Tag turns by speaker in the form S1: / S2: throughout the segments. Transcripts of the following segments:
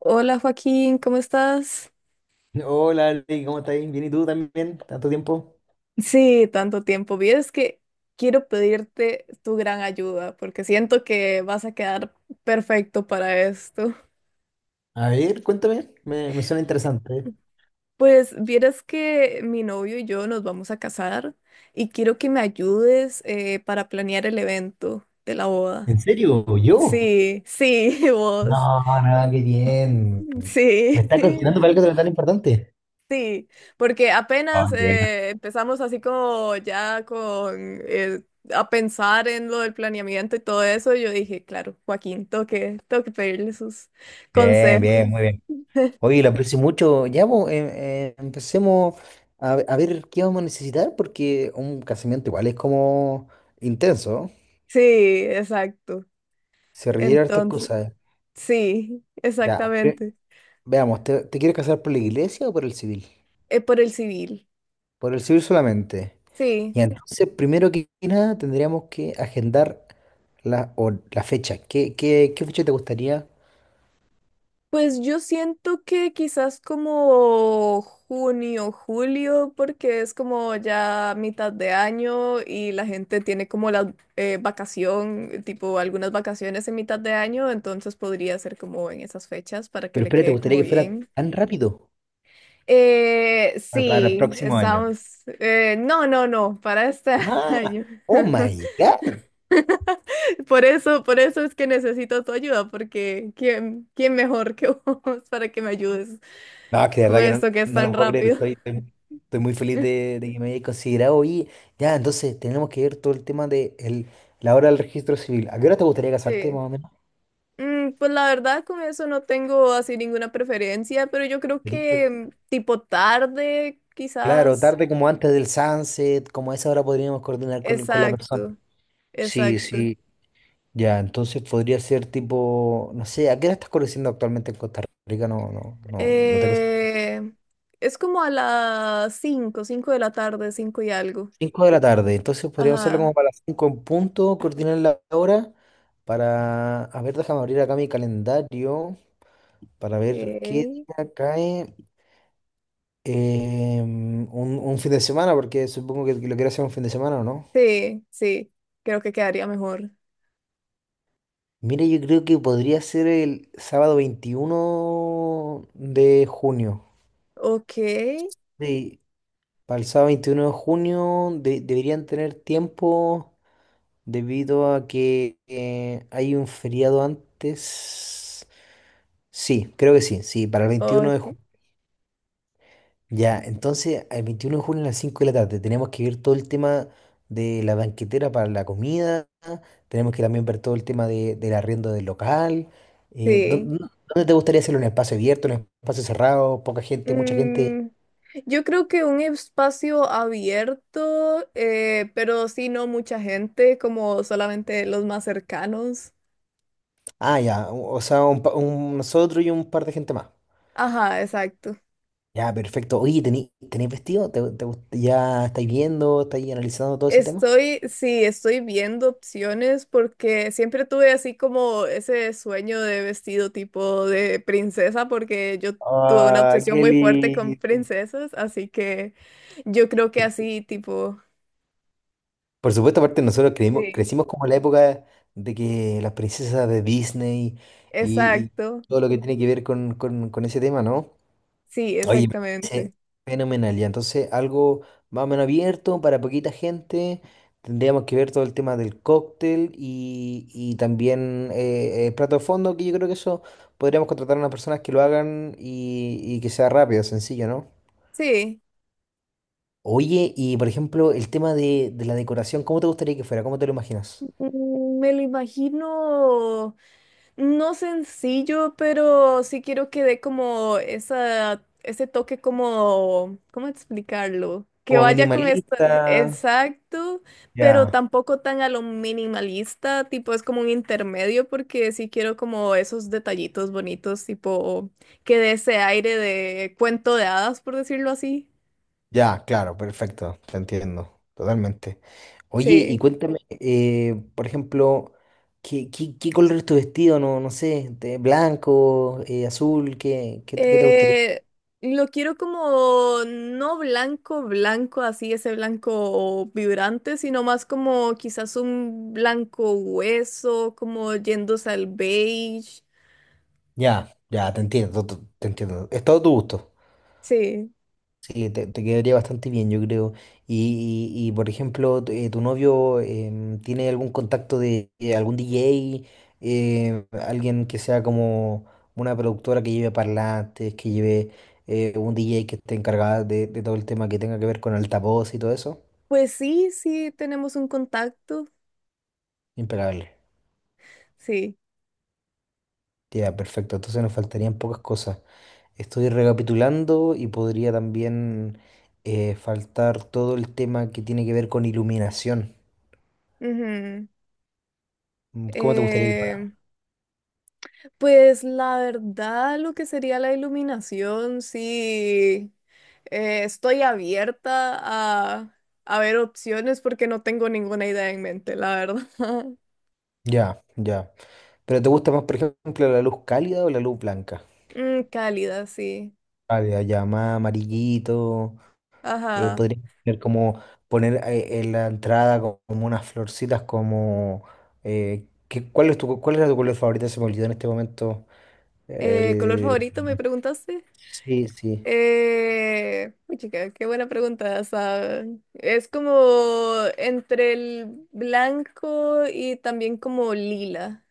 S1: Hola Joaquín, ¿cómo estás?
S2: Hola, Ali, ¿cómo estás? Bien, ¿y tú también? ¿Tanto tiempo?
S1: Sí, tanto tiempo. Vieres que quiero pedirte tu gran ayuda porque siento que vas a quedar perfecto para esto.
S2: A ver, cuéntame, me suena interesante.
S1: Pues vieras que mi novio y yo nos vamos a casar y quiero que me ayudes para planear el evento de la boda.
S2: ¿En serio? ¿Yo?
S1: Sí, sí, vos.
S2: No, no, qué bien. ¿Me
S1: Sí.
S2: estás considerando para algo tan importante?
S1: Sí, porque
S2: Ah,
S1: apenas
S2: qué bueno.
S1: empezamos así como ya con a pensar en lo del planeamiento y todo eso, yo dije, claro, Joaquín, tengo que pedirle sus
S2: Bien,
S1: consejos.
S2: bien, muy bien. Oye, lo aprecio mucho. Ya, pues, empecemos a ver qué vamos a necesitar, porque un casamiento igual es como intenso.
S1: Sí, exacto.
S2: Se requiere hartas
S1: Entonces,
S2: cosas.
S1: sí,
S2: Ya, ve-
S1: exactamente.
S2: Veamos, ¿te quieres casar por la iglesia o por el civil?
S1: Por el civil.
S2: Por el civil solamente.
S1: Sí.
S2: Y entonces, primero que nada, tendríamos que agendar la fecha. Qué fecha te gustaría?
S1: Pues yo siento que quizás como junio, julio, porque es como ya mitad de año y la gente tiene como la vacación, tipo algunas vacaciones en mitad de año, entonces podría ser como en esas fechas para que
S2: Pero
S1: le
S2: espera, ¿te
S1: quede
S2: gustaría
S1: como
S2: que fuera
S1: bien.
S2: tan rápido? Para el
S1: Sí,
S2: próximo año.
S1: no, no, no, para este
S2: ¡Ah!
S1: año.
S2: ¡Oh, my God!
S1: Por eso es que necesito tu ayuda, porque quién mejor que vos para que me ayudes?
S2: No, es que de verdad
S1: Con
S2: que no,
S1: esto que es
S2: no
S1: tan
S2: lo puedo creer.
S1: rápido.
S2: Estoy muy feliz de que me hayas considerado. Oye, ya, entonces tenemos que ver todo el tema la hora del registro civil. ¿A qué hora te gustaría casarte,
S1: Sí.
S2: más o menos?
S1: Pues la verdad, con eso no tengo así ninguna preferencia, pero yo creo
S2: Ahorita.
S1: que tipo tarde,
S2: Claro,
S1: quizás.
S2: tarde como antes del sunset, como a esa hora podríamos coordinar con la persona.
S1: Exacto,
S2: Sí,
S1: exacto.
S2: sí. Ya, entonces podría ser tipo, no sé, ¿a qué hora estás conociendo actualmente en Costa Rica? No, no, no, no tengo.
S1: Eh, es como a las cinco de la tarde, 5 y algo.
S2: 5 de la tarde, entonces podríamos hacerlo como
S1: Ajá.
S2: para las 5 en punto, coordinar la hora para, a ver, déjame abrir acá mi calendario para
S1: Ok.
S2: ver qué día cae un fin de semana, porque supongo que lo quiero hacer un fin de semana, ¿o no?
S1: Sí, sí, creo que quedaría mejor.
S2: Mire, yo creo que podría ser el sábado 21 de junio.
S1: Ok,
S2: Sí, para el sábado 21 de deberían tener tiempo debido a que hay un feriado antes. Sí, creo que sí, sí, para el 21 de junio.
S1: ok.
S2: Ya, entonces el 21 de junio a las 5 de la tarde tenemos que ver todo el tema de la banquetera para la comida, tenemos que también ver todo el tema del arriendo del local. eh, ¿dó-
S1: Sí.
S2: dó- ¿Dónde te gustaría hacerlo? ¿En un espacio abierto, en un espacio cerrado, poca gente, mucha gente?
S1: Mm, yo creo que un espacio abierto, pero sí no mucha gente, como solamente los más cercanos.
S2: Ah, ya, o sea, nosotros y un par de gente más.
S1: Ajá, exacto.
S2: Ya, perfecto. Oye, ¿tenéis vestido? Ya estáis viendo, estáis analizando todo ese tema?
S1: Estoy, sí, estoy viendo opciones porque siempre tuve así como ese sueño de vestido tipo de princesa, porque yo tuve una
S2: Ah,
S1: obsesión
S2: qué
S1: muy fuerte con
S2: lindo.
S1: princesas, así que yo creo que
S2: Es que,
S1: así tipo,
S2: por supuesto, aparte
S1: sí,
S2: crecimos como en la época de que las princesas de Disney y
S1: exacto,
S2: todo lo que tiene que ver con, con ese tema, ¿no?
S1: sí,
S2: Oye, me parece
S1: exactamente.
S2: fenomenal. Ya, entonces algo más o menos abierto para poquita gente. Tendríamos que ver todo el tema del cóctel y también el plato de fondo, que yo creo que eso podríamos contratar a unas personas que lo hagan y que sea rápido, sencillo, ¿no?
S1: Sí.
S2: Oye, y por ejemplo, el tema de la decoración, ¿cómo te gustaría que fuera? ¿Cómo te lo imaginas?
S1: Me lo imagino no sencillo, pero sí quiero que dé como esa, ese toque como, ¿cómo explicarlo? Que
S2: ¿Como
S1: vaya con esto,
S2: minimalista?
S1: exacto, pero
S2: Ya.
S1: tampoco tan a lo minimalista, tipo es como un intermedio, porque sí quiero como esos detallitos bonitos, tipo que dé ese aire de cuento de hadas, por decirlo así.
S2: Ya, claro, perfecto, te entiendo, totalmente. Oye, y
S1: Sí.
S2: cuéntame, por ejemplo, qué color es tu vestido? No, no sé, de blanco, azul, qué te gustaría?
S1: Eh, lo quiero como no blanco, blanco, así ese blanco vibrante, sino más como quizás un blanco hueso, como yéndose al beige.
S2: Ya, ya, te entiendo. Es todo tu gusto.
S1: Sí,
S2: Sí, te quedaría bastante bien, yo creo. Y, por ejemplo, tu, tu novio tiene algún contacto de algún DJ, alguien que sea como una productora que lleve parlantes, que lleve un DJ que esté encargada de todo el tema que tenga que ver con altavoz y todo eso.
S1: pues sí, sí, tenemos un contacto.
S2: Impecable.
S1: Sí.
S2: Ya, perfecto. Entonces nos faltarían pocas cosas. Estoy recapitulando y podría también faltar todo el tema que tiene que ver con iluminación.
S1: Ujú.
S2: Mm, ¿cómo te gustaría que fuera?
S1: Eh, Pues la verdad, lo que sería la iluminación, sí, estoy abierta a ver opciones porque no tengo ninguna idea en mente, la verdad.
S2: Ya, ya. ¿Pero te gusta más, por ejemplo, la luz cálida o la luz blanca?
S1: Cálida, sí.
S2: Cálida, ya más amarillito.
S1: Ajá.
S2: Podría ser como poner en la entrada como unas florcitas como… ¿ cuál es tu, cuál era tu color favorito? Se me olvidó en este momento.
S1: ¿Color
S2: El…
S1: favorito me preguntaste?
S2: Sí, sí.
S1: Uy, chica, qué buena pregunta esa. Es como entre el blanco y también como lila.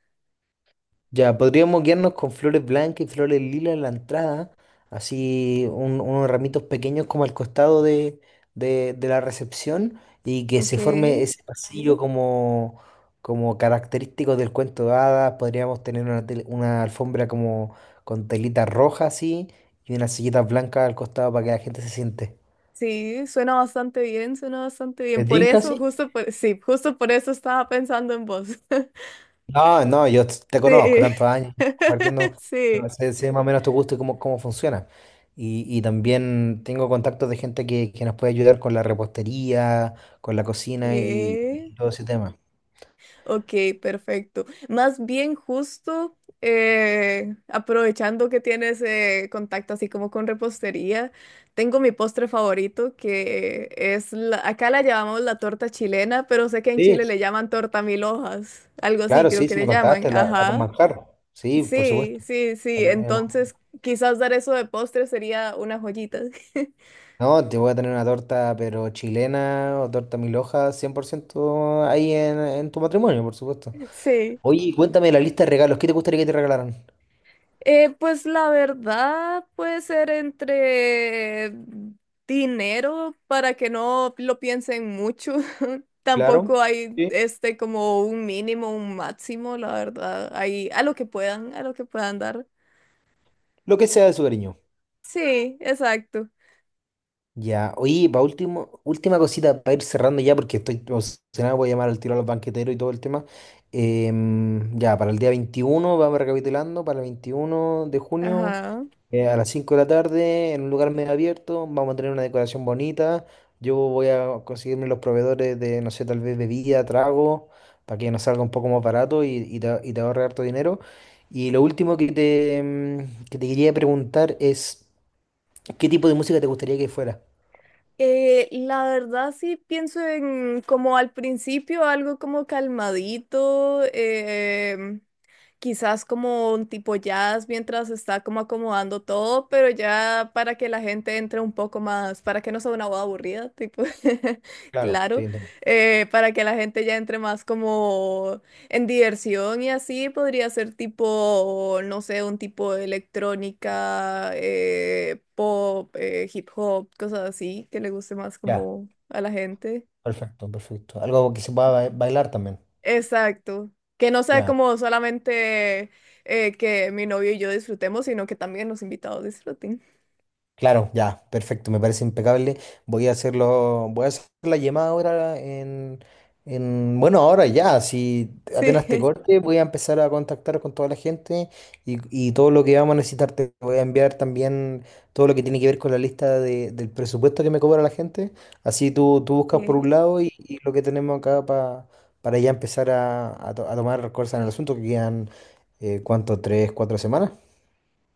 S2: Ya, podríamos guiarnos con flores blancas y flores lilas en la entrada, así unos ramitos pequeños como al costado de, de la recepción y que
S1: Ok.
S2: se forme ese pasillo como, como característico del cuento de hadas. Podríamos tener una, una alfombra como con telita roja así y unas sillitas blancas al costado para que la gente se siente.
S1: Sí, suena bastante bien, suena bastante bien.
S2: ¿Te
S1: Por
S2: tinca
S1: eso,
S2: así?
S1: justo por, sí, justo por eso estaba pensando en vos.
S2: No, no, te conozco
S1: Sí,
S2: tantos años compartiendo, no,
S1: sí.
S2: sé, sé más o menos tu gusto y cómo, cómo funciona. Y también tengo contactos de gente que nos puede ayudar con la repostería, con la cocina
S1: ¿Qué?
S2: y todo ese tema.
S1: Ok, perfecto. Más bien justo, aprovechando que tienes contacto así como con repostería, tengo mi postre favorito que es, la- acá la llamamos la torta chilena, pero sé que en
S2: Sí,
S1: Chile le llaman torta mil hojas, algo así
S2: claro,
S1: creo
S2: sí,
S1: que
S2: sí me
S1: le llaman,
S2: contaste, la con
S1: ajá.
S2: manjar. Sí, por
S1: Sí,
S2: supuesto.
S1: sí,
S2: La
S1: sí.
S2: que tiene ma-
S1: Entonces, quizás dar eso de postre sería una joyita.
S2: No, te voy a tener una torta, pero chilena o torta mil hojas, 100% ahí en tu matrimonio, por supuesto.
S1: Sí.
S2: Oye, y cuéntame la lista de regalos. ¿Qué te gustaría que te regalaran?
S1: Pues la verdad puede ser entre dinero para que no lo piensen mucho.
S2: Claro.
S1: Tampoco hay
S2: Sí.
S1: este como un mínimo, un máximo, la verdad. Hay a lo que puedan, a lo que puedan dar.
S2: Lo que sea de su cariño.
S1: Sí, exacto.
S2: Ya, oye, pa último, última cosita para ir cerrando ya, porque estoy emocionado, voy a llamar al tiro a los banqueteros y todo el tema. Ya, para el día 21 vamos recapitulando, para el 21 de junio,
S1: Ajá.
S2: a las 5 de la tarde, en un lugar medio abierto, vamos a tener una decoración bonita. Yo voy a conseguirme los proveedores de, no sé, tal vez bebida, trago, para que nos salga un poco más barato y, y te ahorre harto dinero. Y lo último que te, que te quería preguntar es, ¿qué tipo de música te gustaría que fuera?
S1: La verdad sí pienso en como al principio algo como calmadito, quizás como un tipo jazz mientras está como acomodando todo, pero ya para que la gente entre un poco más, para que no sea una boda aburrida, tipo,
S2: Claro, sí,
S1: claro,
S2: entiendo.
S1: para que la gente ya entre más como en diversión y así podría ser tipo, no sé, un tipo de electrónica, pop, hip hop, cosas así, que le guste más
S2: Ya,
S1: como a la gente.
S2: perfecto, perfecto. Algo que se pueda bailar también.
S1: Exacto. Que no sea
S2: Ya,
S1: como solamente que mi novio y yo disfrutemos, sino que también los invitados disfruten.
S2: claro, ya, perfecto, me parece impecable. Voy a hacerlo, voy a hacer la llamada ahora en, bueno, ahora ya, si apenas te
S1: Sí.
S2: corte, voy a empezar a contactar con toda la gente y todo lo que vamos a necesitar. Te voy a enviar también todo lo que tiene que ver con la lista del presupuesto que me cobra la gente. Así tú buscas por un lado y lo que tenemos acá para ya empezar a, a tomar cosas en el asunto que quedan, ¿cuánto? ¿Tres, cuatro semanas?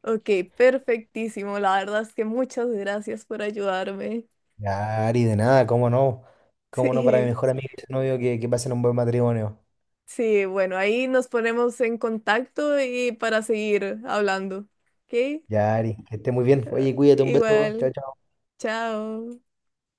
S1: Ok, ok, perfectísimo. La verdad es que muchas gracias por ayudarme.
S2: Ya, Ari, de nada, cómo no. Cómo no para mi
S1: Sí.
S2: mejor amigo y su novio que pasen un buen matrimonio.
S1: Sí, bueno, ahí nos ponemos en contacto y para seguir hablando. ¿Ok?
S2: Ya, Ari, que esté muy bien. Oye, cuídate, un beso.
S1: Igual,
S2: Chao, chao.
S1: chao.